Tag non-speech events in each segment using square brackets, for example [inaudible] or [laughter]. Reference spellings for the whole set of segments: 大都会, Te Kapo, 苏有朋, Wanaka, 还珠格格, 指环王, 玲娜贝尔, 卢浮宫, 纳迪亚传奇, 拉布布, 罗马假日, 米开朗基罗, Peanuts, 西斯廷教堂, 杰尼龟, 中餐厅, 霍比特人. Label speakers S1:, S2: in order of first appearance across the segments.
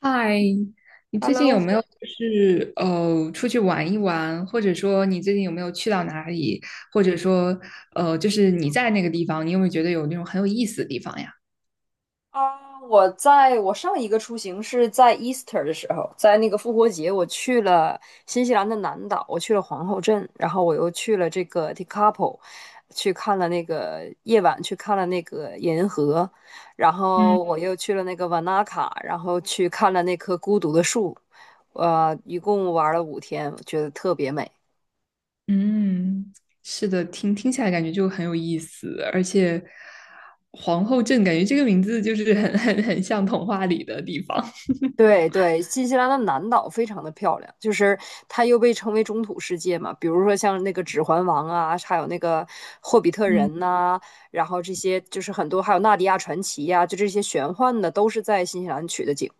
S1: 嗨，你最近
S2: Hello，
S1: 有没有出去玩一玩，或者说你最近有没有去到哪里，或者说就是你在那个地方，你有没有觉得有那种很有意思的地方呀？
S2: 啊，我上一个出行是在 Easter 的时候，在那个复活节，我去了新西兰的南岛，我去了皇后镇，然后我又去了这个 Te Kapo，去看了那个夜晚，去看了那个银河，然
S1: 嗯
S2: 后我又去了那个瓦纳卡，然后去看了那棵孤独的树，一共玩了5天，我觉得特别美。
S1: 嗯，是的，听起来感觉就很有意思，而且皇后镇感觉这个名字就是很像童话里的地方。
S2: 对对，新西兰的南岛非常的漂亮，就是它又被称为中土世界嘛。比如说像那个《指环王》啊，还有那个《霍比特人》
S1: 嗯
S2: 呐，然后这些就是很多，还有《纳迪亚传奇》呀，就这些玄幻的都是在新西兰取的景。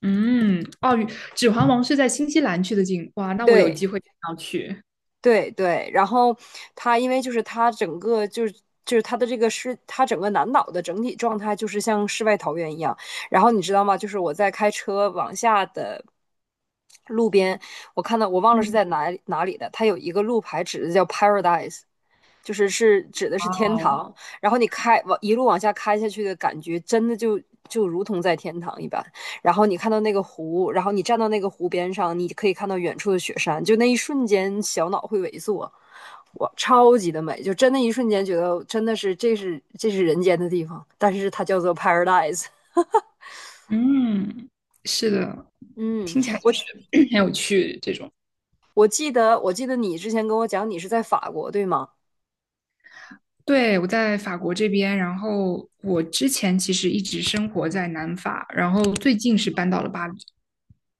S1: 嗯，哦，指环王是在新西兰去的景，哇，那我有
S2: 对，
S1: 机会一定要去。
S2: 对对，然后他因为就是他整个就是他的这个是他整个南岛的整体状态就是像世外桃源一样。然后你知道吗？就是我在开车往下的路边，我看到我忘了是
S1: 嗯。
S2: 在哪里的，它有一个路牌指的叫 Paradise，就是是指的
S1: 哇
S2: 是天
S1: 哦。
S2: 堂，然后你开往一路往下开下去的感觉，真的就如同在天堂一般。然后你看到那个湖，然后你站到那个湖边上，你可以看到远处的雪山，就那一瞬间小脑会萎缩，哇，超级的美，就真的一瞬间觉得真的是这是人间的地方，但是它叫做 paradise。
S1: 嗯，是的，
S2: 嗯，
S1: 听起来就
S2: 我
S1: 是 [coughs] 很有趣这种。
S2: 我记得我记得你之前跟我讲你是在法国对吗？
S1: 对，我在法国这边，然后我之前其实一直生活在南法，然后最近是搬到了巴黎。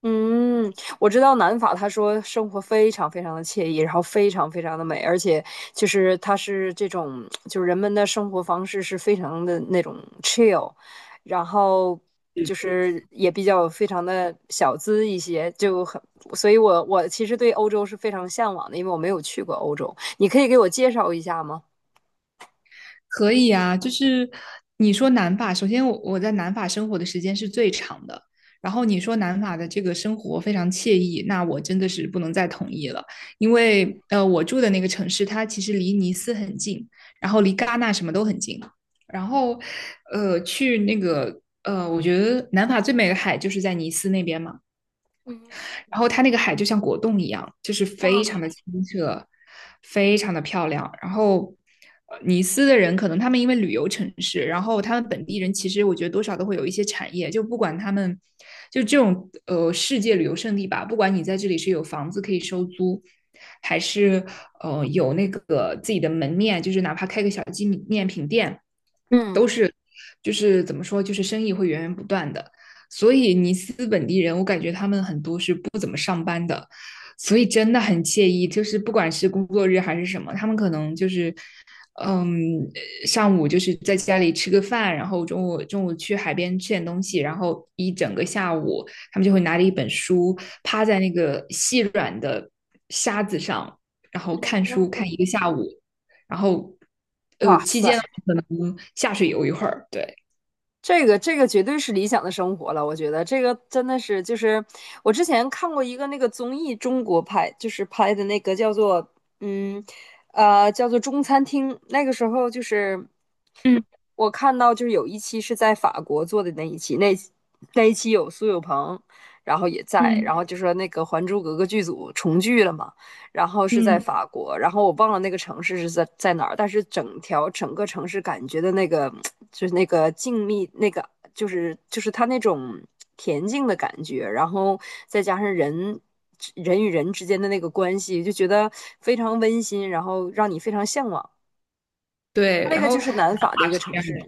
S2: 嗯，我知道南法，他说生活非常非常的惬意，然后非常非常的美，而且就是它是这种，就是人们的生活方式是非常的那种 chill，然后就是也比较非常的小资一些，就很，所以我其实对欧洲是非常向往的，因为我没有去过欧洲，你可以给我介绍一下吗？
S1: 可以啊，就是你说南法，首先我在南法生活的时间是最长的，然后你说南法的这个生活非常惬意，那我真的是不能再同意了，因为我住的那个城市它其实离尼斯很近，然后离戛纳什么都很近，然后去那个我觉得南法最美的海就是在尼斯那边嘛。
S2: 嗯
S1: 然后它那个海就像果冻一样，就是非常的清澈，非常的漂亮。然后尼斯的人可能他们因为旅游城市，然后他们本地人其实我觉得多少都会有一些产业，就不管他们就这种世界旅游胜地吧，不管你在这里是有房子可以收租。还是有那个自己的门面，就是哪怕开个小纪念品店，
S2: 嗯。
S1: 都是就是怎么说，就是生意会源源不断的。所以尼斯本地人，我感觉他们很多是不怎么上班的，所以真的很惬意。就是不管是工作日还是什么，他们可能就是，嗯，上午就是在家里吃个饭，然后中午去海边吃点东西，然后一整个下午，他们就会拿着一本书，趴在那个细软的沙子上，然后看书看一个下午，然后
S2: 哇
S1: 期
S2: 塞，
S1: 间下水游一会儿。对，
S2: 这个绝对是理想的生活了，我觉得这个真的是就是我之前看过一个那个综艺，中国拍就是拍的那个嗯叫做中餐厅，那个时候就是
S1: 嗯
S2: 我看到就是有一期是在法国做的那一期，那那一期有苏有朋，然后也在，
S1: 嗯
S2: 然后就说那个《还珠格格》剧组重聚了嘛。然后是在
S1: 嗯，
S2: 法国，然后我忘了那个城市是在哪儿，但是整条整个城市感觉的那个 [tsk] 就是那个静谧，那个就是它那种恬静的感觉，然后再加上人与人之间的那个关系，就觉得非常温馨，然后让你非常向往。
S1: 对，
S2: 那
S1: 然
S2: 个就
S1: 后
S2: 是南
S1: 南
S2: 法的一
S1: 法
S2: 个
S1: 是这
S2: 城
S1: 样的，
S2: 市，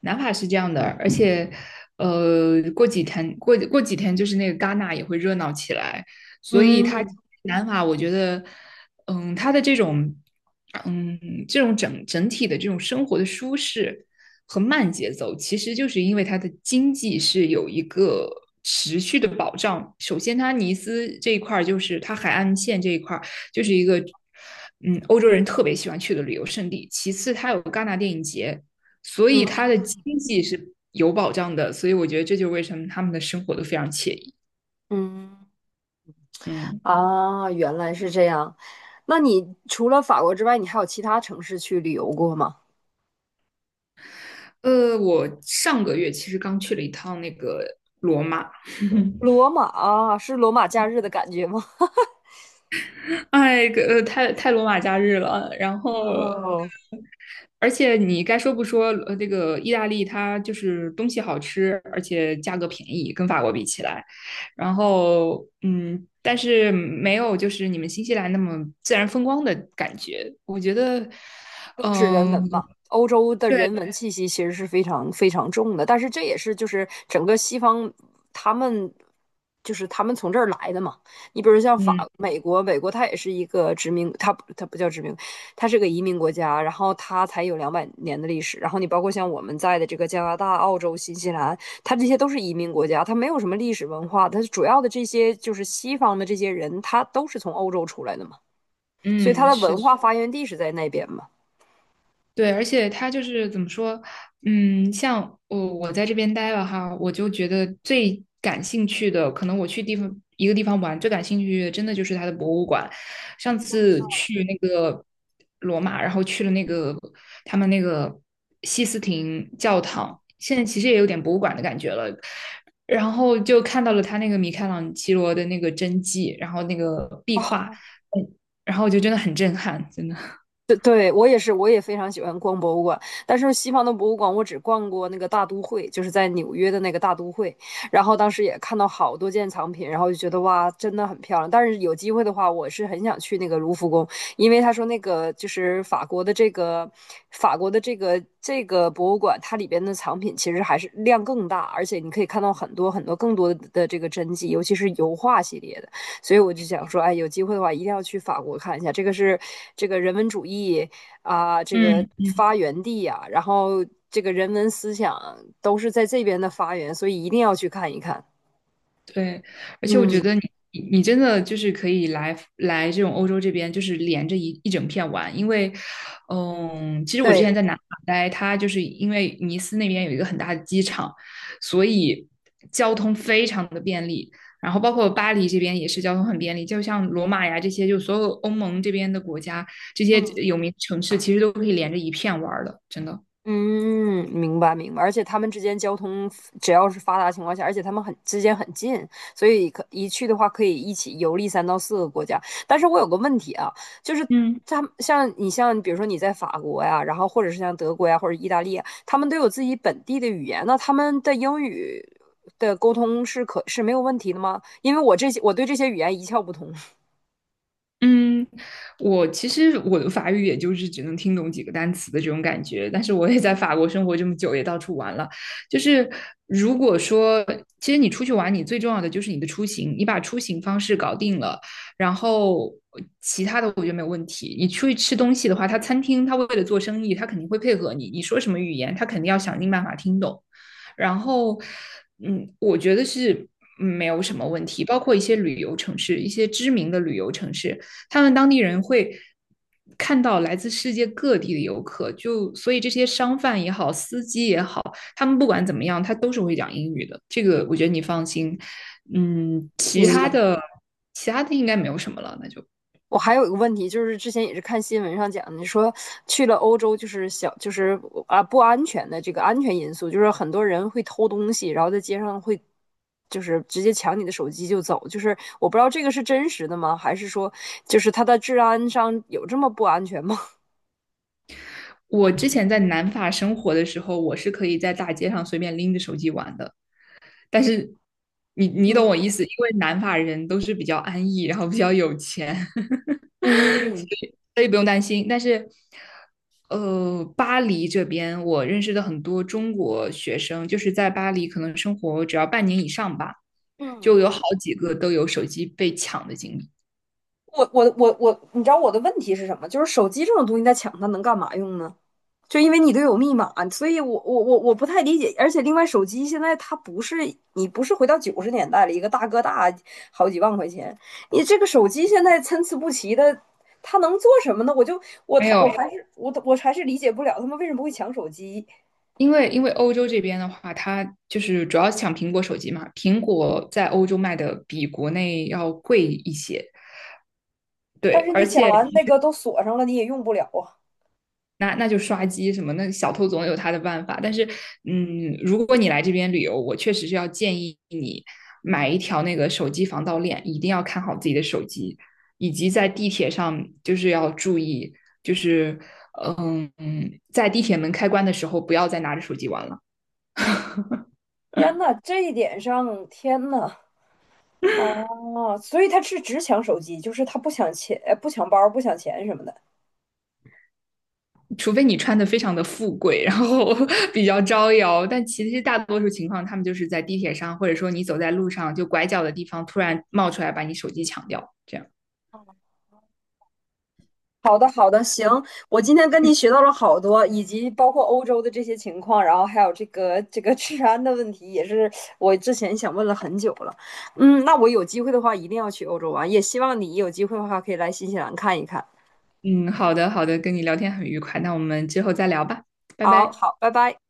S1: 南法是这样的，而且，过几天过几天就是那个戛纳也会热闹起来，所以它
S2: 嗯
S1: 南法我觉得，嗯，它的这种，嗯，这种整体的这种生活的舒适和慢节奏，其实就是因为它的经济是有一个持续的保障。首先，它尼斯这一块儿就是它海岸线这一块儿就是一个。嗯，欧洲人特别喜欢去的旅游胜地。其次，它有戛纳电影节，所以他的
S2: 嗯
S1: 经济是有保障的，所以我觉得这就是为什么他们的生活都非常惬意。
S2: 嗯
S1: 嗯，
S2: 啊，原来是这样。那你除了法国之外，你还有其他城市去旅游过吗？
S1: 我上个月其实刚去了一趟那个罗马，
S2: 罗马啊是罗马假日的感觉吗？[laughs]
S1: [laughs] 哎，太罗马假日了，然后。
S2: 哦，
S1: 而且你该说不说，这个意大利它就是东西好吃，而且价格便宜，跟法国比起来。然后，嗯，但是没有就是你们新西兰那么自然风光的感觉。我觉得，
S2: 更是人
S1: 嗯、
S2: 文吧，欧洲的
S1: 对，
S2: 人文气息其实是非常非常重的，但是这也是就是整个西方他们他们从这儿来的嘛。你比如像
S1: 嗯
S2: 法、美国它也是一个殖民，它不叫殖民，它是个移民国家，然后它才有200年的历史。然后你包括像我们在的这个加拿大、澳洲、新西兰，它这些都是移民国家，它没有什么历史文化，它主要的这些就是西方的这些人，他都是从欧洲出来的嘛，所以它
S1: 嗯，
S2: 的
S1: 是
S2: 文
S1: 的，
S2: 化发源地是在那边嘛。
S1: 对，而且他就是怎么说，嗯，像我在这边待了哈，我就觉得最感兴趣的，可能我去地方一个地方玩，最感兴趣的真的就是它的博物馆。上次去那个罗马，然后去了那个他们那个西斯廷教堂，现在其实也有点博物馆的感觉了。然后就看到了他那个米开朗基罗的那个真迹，然后那个壁画，
S2: 啊。
S1: 嗯，然后我就真的很震撼，真的。
S2: 对，对，我也是，我也非常喜欢逛博物馆。但是西方的博物馆，我只逛过那个大都会，就是在纽约的那个大都会。然后当时也看到好多件藏品，然后就觉得哇，真的很漂亮。但是有机会的话，我是很想去那个卢浮宫，因为他说那个就是法国的这个博物馆，它里边的藏品其实还是量更大，而且你可以看到很多很多更多的这个真迹，尤其是油画系列的。所以我就想说，哎，有机会的话一定要去法国看一下，这个是这个人文主义啊，这个
S1: 嗯。
S2: 发源地呀、然后这个人文思想都是在这边的发源，所以一定要去看一看。
S1: 对，而且我觉
S2: 嗯，
S1: 得你真的就是可以来这种欧洲这边，就是连着一整片玩，因为，嗯，其实我之
S2: 对，
S1: 前在南法待，它就是因为尼斯那边有一个很大的机场，所以交通非常的便利，然后包括巴黎这边也是交通很便利，就像罗马呀这些，就所有欧盟这边的国家，这些
S2: 嗯。
S1: 有名城市其实都可以连着一片玩儿的，真的。
S2: 嗯，明白明白，而且他们之间交通只要是发达情况下，而且他们很之间很近，所以可一去的话可以一起游历3到4个国家。但是我有个问题啊，就是
S1: 嗯。
S2: 他们像你像比如说你在法国呀，然后或者是像德国呀或者意大利呀，他们都有自己本地的语言，那他们的英语的沟通是可是没有问题的吗？因为我对这些语言一窍不通。
S1: 嗯，我其实的法语也就是只能听懂几个单词的这种感觉，但是我也在法国生活这么久，也到处玩了。就是如果说，其实你出去玩，你最重要的就是你的出行，你把出行方式搞定了，然后其他的我觉得没有问题。你出去吃东西的话，他餐厅他为了做生意，他肯定会配合你，你说什么语言，他肯定要想尽办法听懂。然后，嗯，我觉得是没有什么问题。包括一些旅游城市，一些知名的旅游城市，他们当地人会看到来自世界各地的游客，就所以这些商贩也好，司机也好，他们不管怎么样，他都是会讲英语的。这个我觉得你放心。嗯，其
S2: 明
S1: 他
S2: 白。
S1: 的其他的应该没有什么了，那就。
S2: 我还有一个问题，就是之前也是看新闻上讲你说去了欧洲就是小就是啊不安全的这个安全因素，就是很多人会偷东西，然后在街上会就是直接抢你的手机就走，就是我不知道这个是真实的吗？还是说就是它的治安上有这么不安全吗？
S1: 我之前在南法生活的时候，我是可以在大街上随便拎着手机玩的，但是你懂我
S2: [laughs]
S1: 意
S2: 嗯
S1: 思，因为南法人都是比较安逸，然后比较有钱，
S2: 嗯
S1: 所以不用担心。但是，巴黎这边我认识的很多中国学生，就是在巴黎可能生活只要半年以上吧，
S2: 嗯，
S1: 就有好几个都有手机被抢的经历。
S2: 我我我我，你知道我的问题是什么？就是手机这种东西，在抢它能干嘛用呢？就因为你都有密码，所以我不太理解。而且另外，手机现在它不是你不是回到90年代了，一个大哥大好几万块钱，你这个手机现在参差不齐的，它能做什么呢？我就我
S1: 没
S2: 他我
S1: 有，
S2: 还是我我还是理解不了他们为什么会抢手机。
S1: 因为欧洲这边的话，它就是主要抢苹果手机嘛，苹果在欧洲卖的比国内要贵一些。
S2: 但
S1: 对，
S2: 是
S1: 而
S2: 你抢
S1: 且
S2: 完那个都锁上了，你也用不了啊！
S1: 那就刷机什么，那小偷总有他的办法。但是，嗯，如果你来这边旅游，我确实是要建议你买一条那个手机防盗链，一定要看好自己的手机，以及在地铁上就是要注意，就是嗯，在地铁门开关的时候不要再拿着手机玩了，
S2: 天呐，这一点上，天呐，啊，所以他是只抢手机，就是他不抢钱、不抢包、不抢钱什么的。
S1: 除非你穿的非常的富贵，然后 [laughs] 比较招摇。但其实大多数情况，他们就是在地铁上，或者说你走在路上，就拐角的地方突然冒出来把你手机抢掉，这样。
S2: 好的，好的，行，我今天跟您学到了好多，以及包括欧洲的这些情况，然后还有这个治安的问题，也是我之前想问了很久了。嗯，那我有机会的话一定要去欧洲玩，也希望你有机会的话可以来新西兰看一看。
S1: 嗯，好的，好的，跟你聊天很愉快，那我们之后再聊吧，拜
S2: 好
S1: 拜。
S2: 好，拜拜。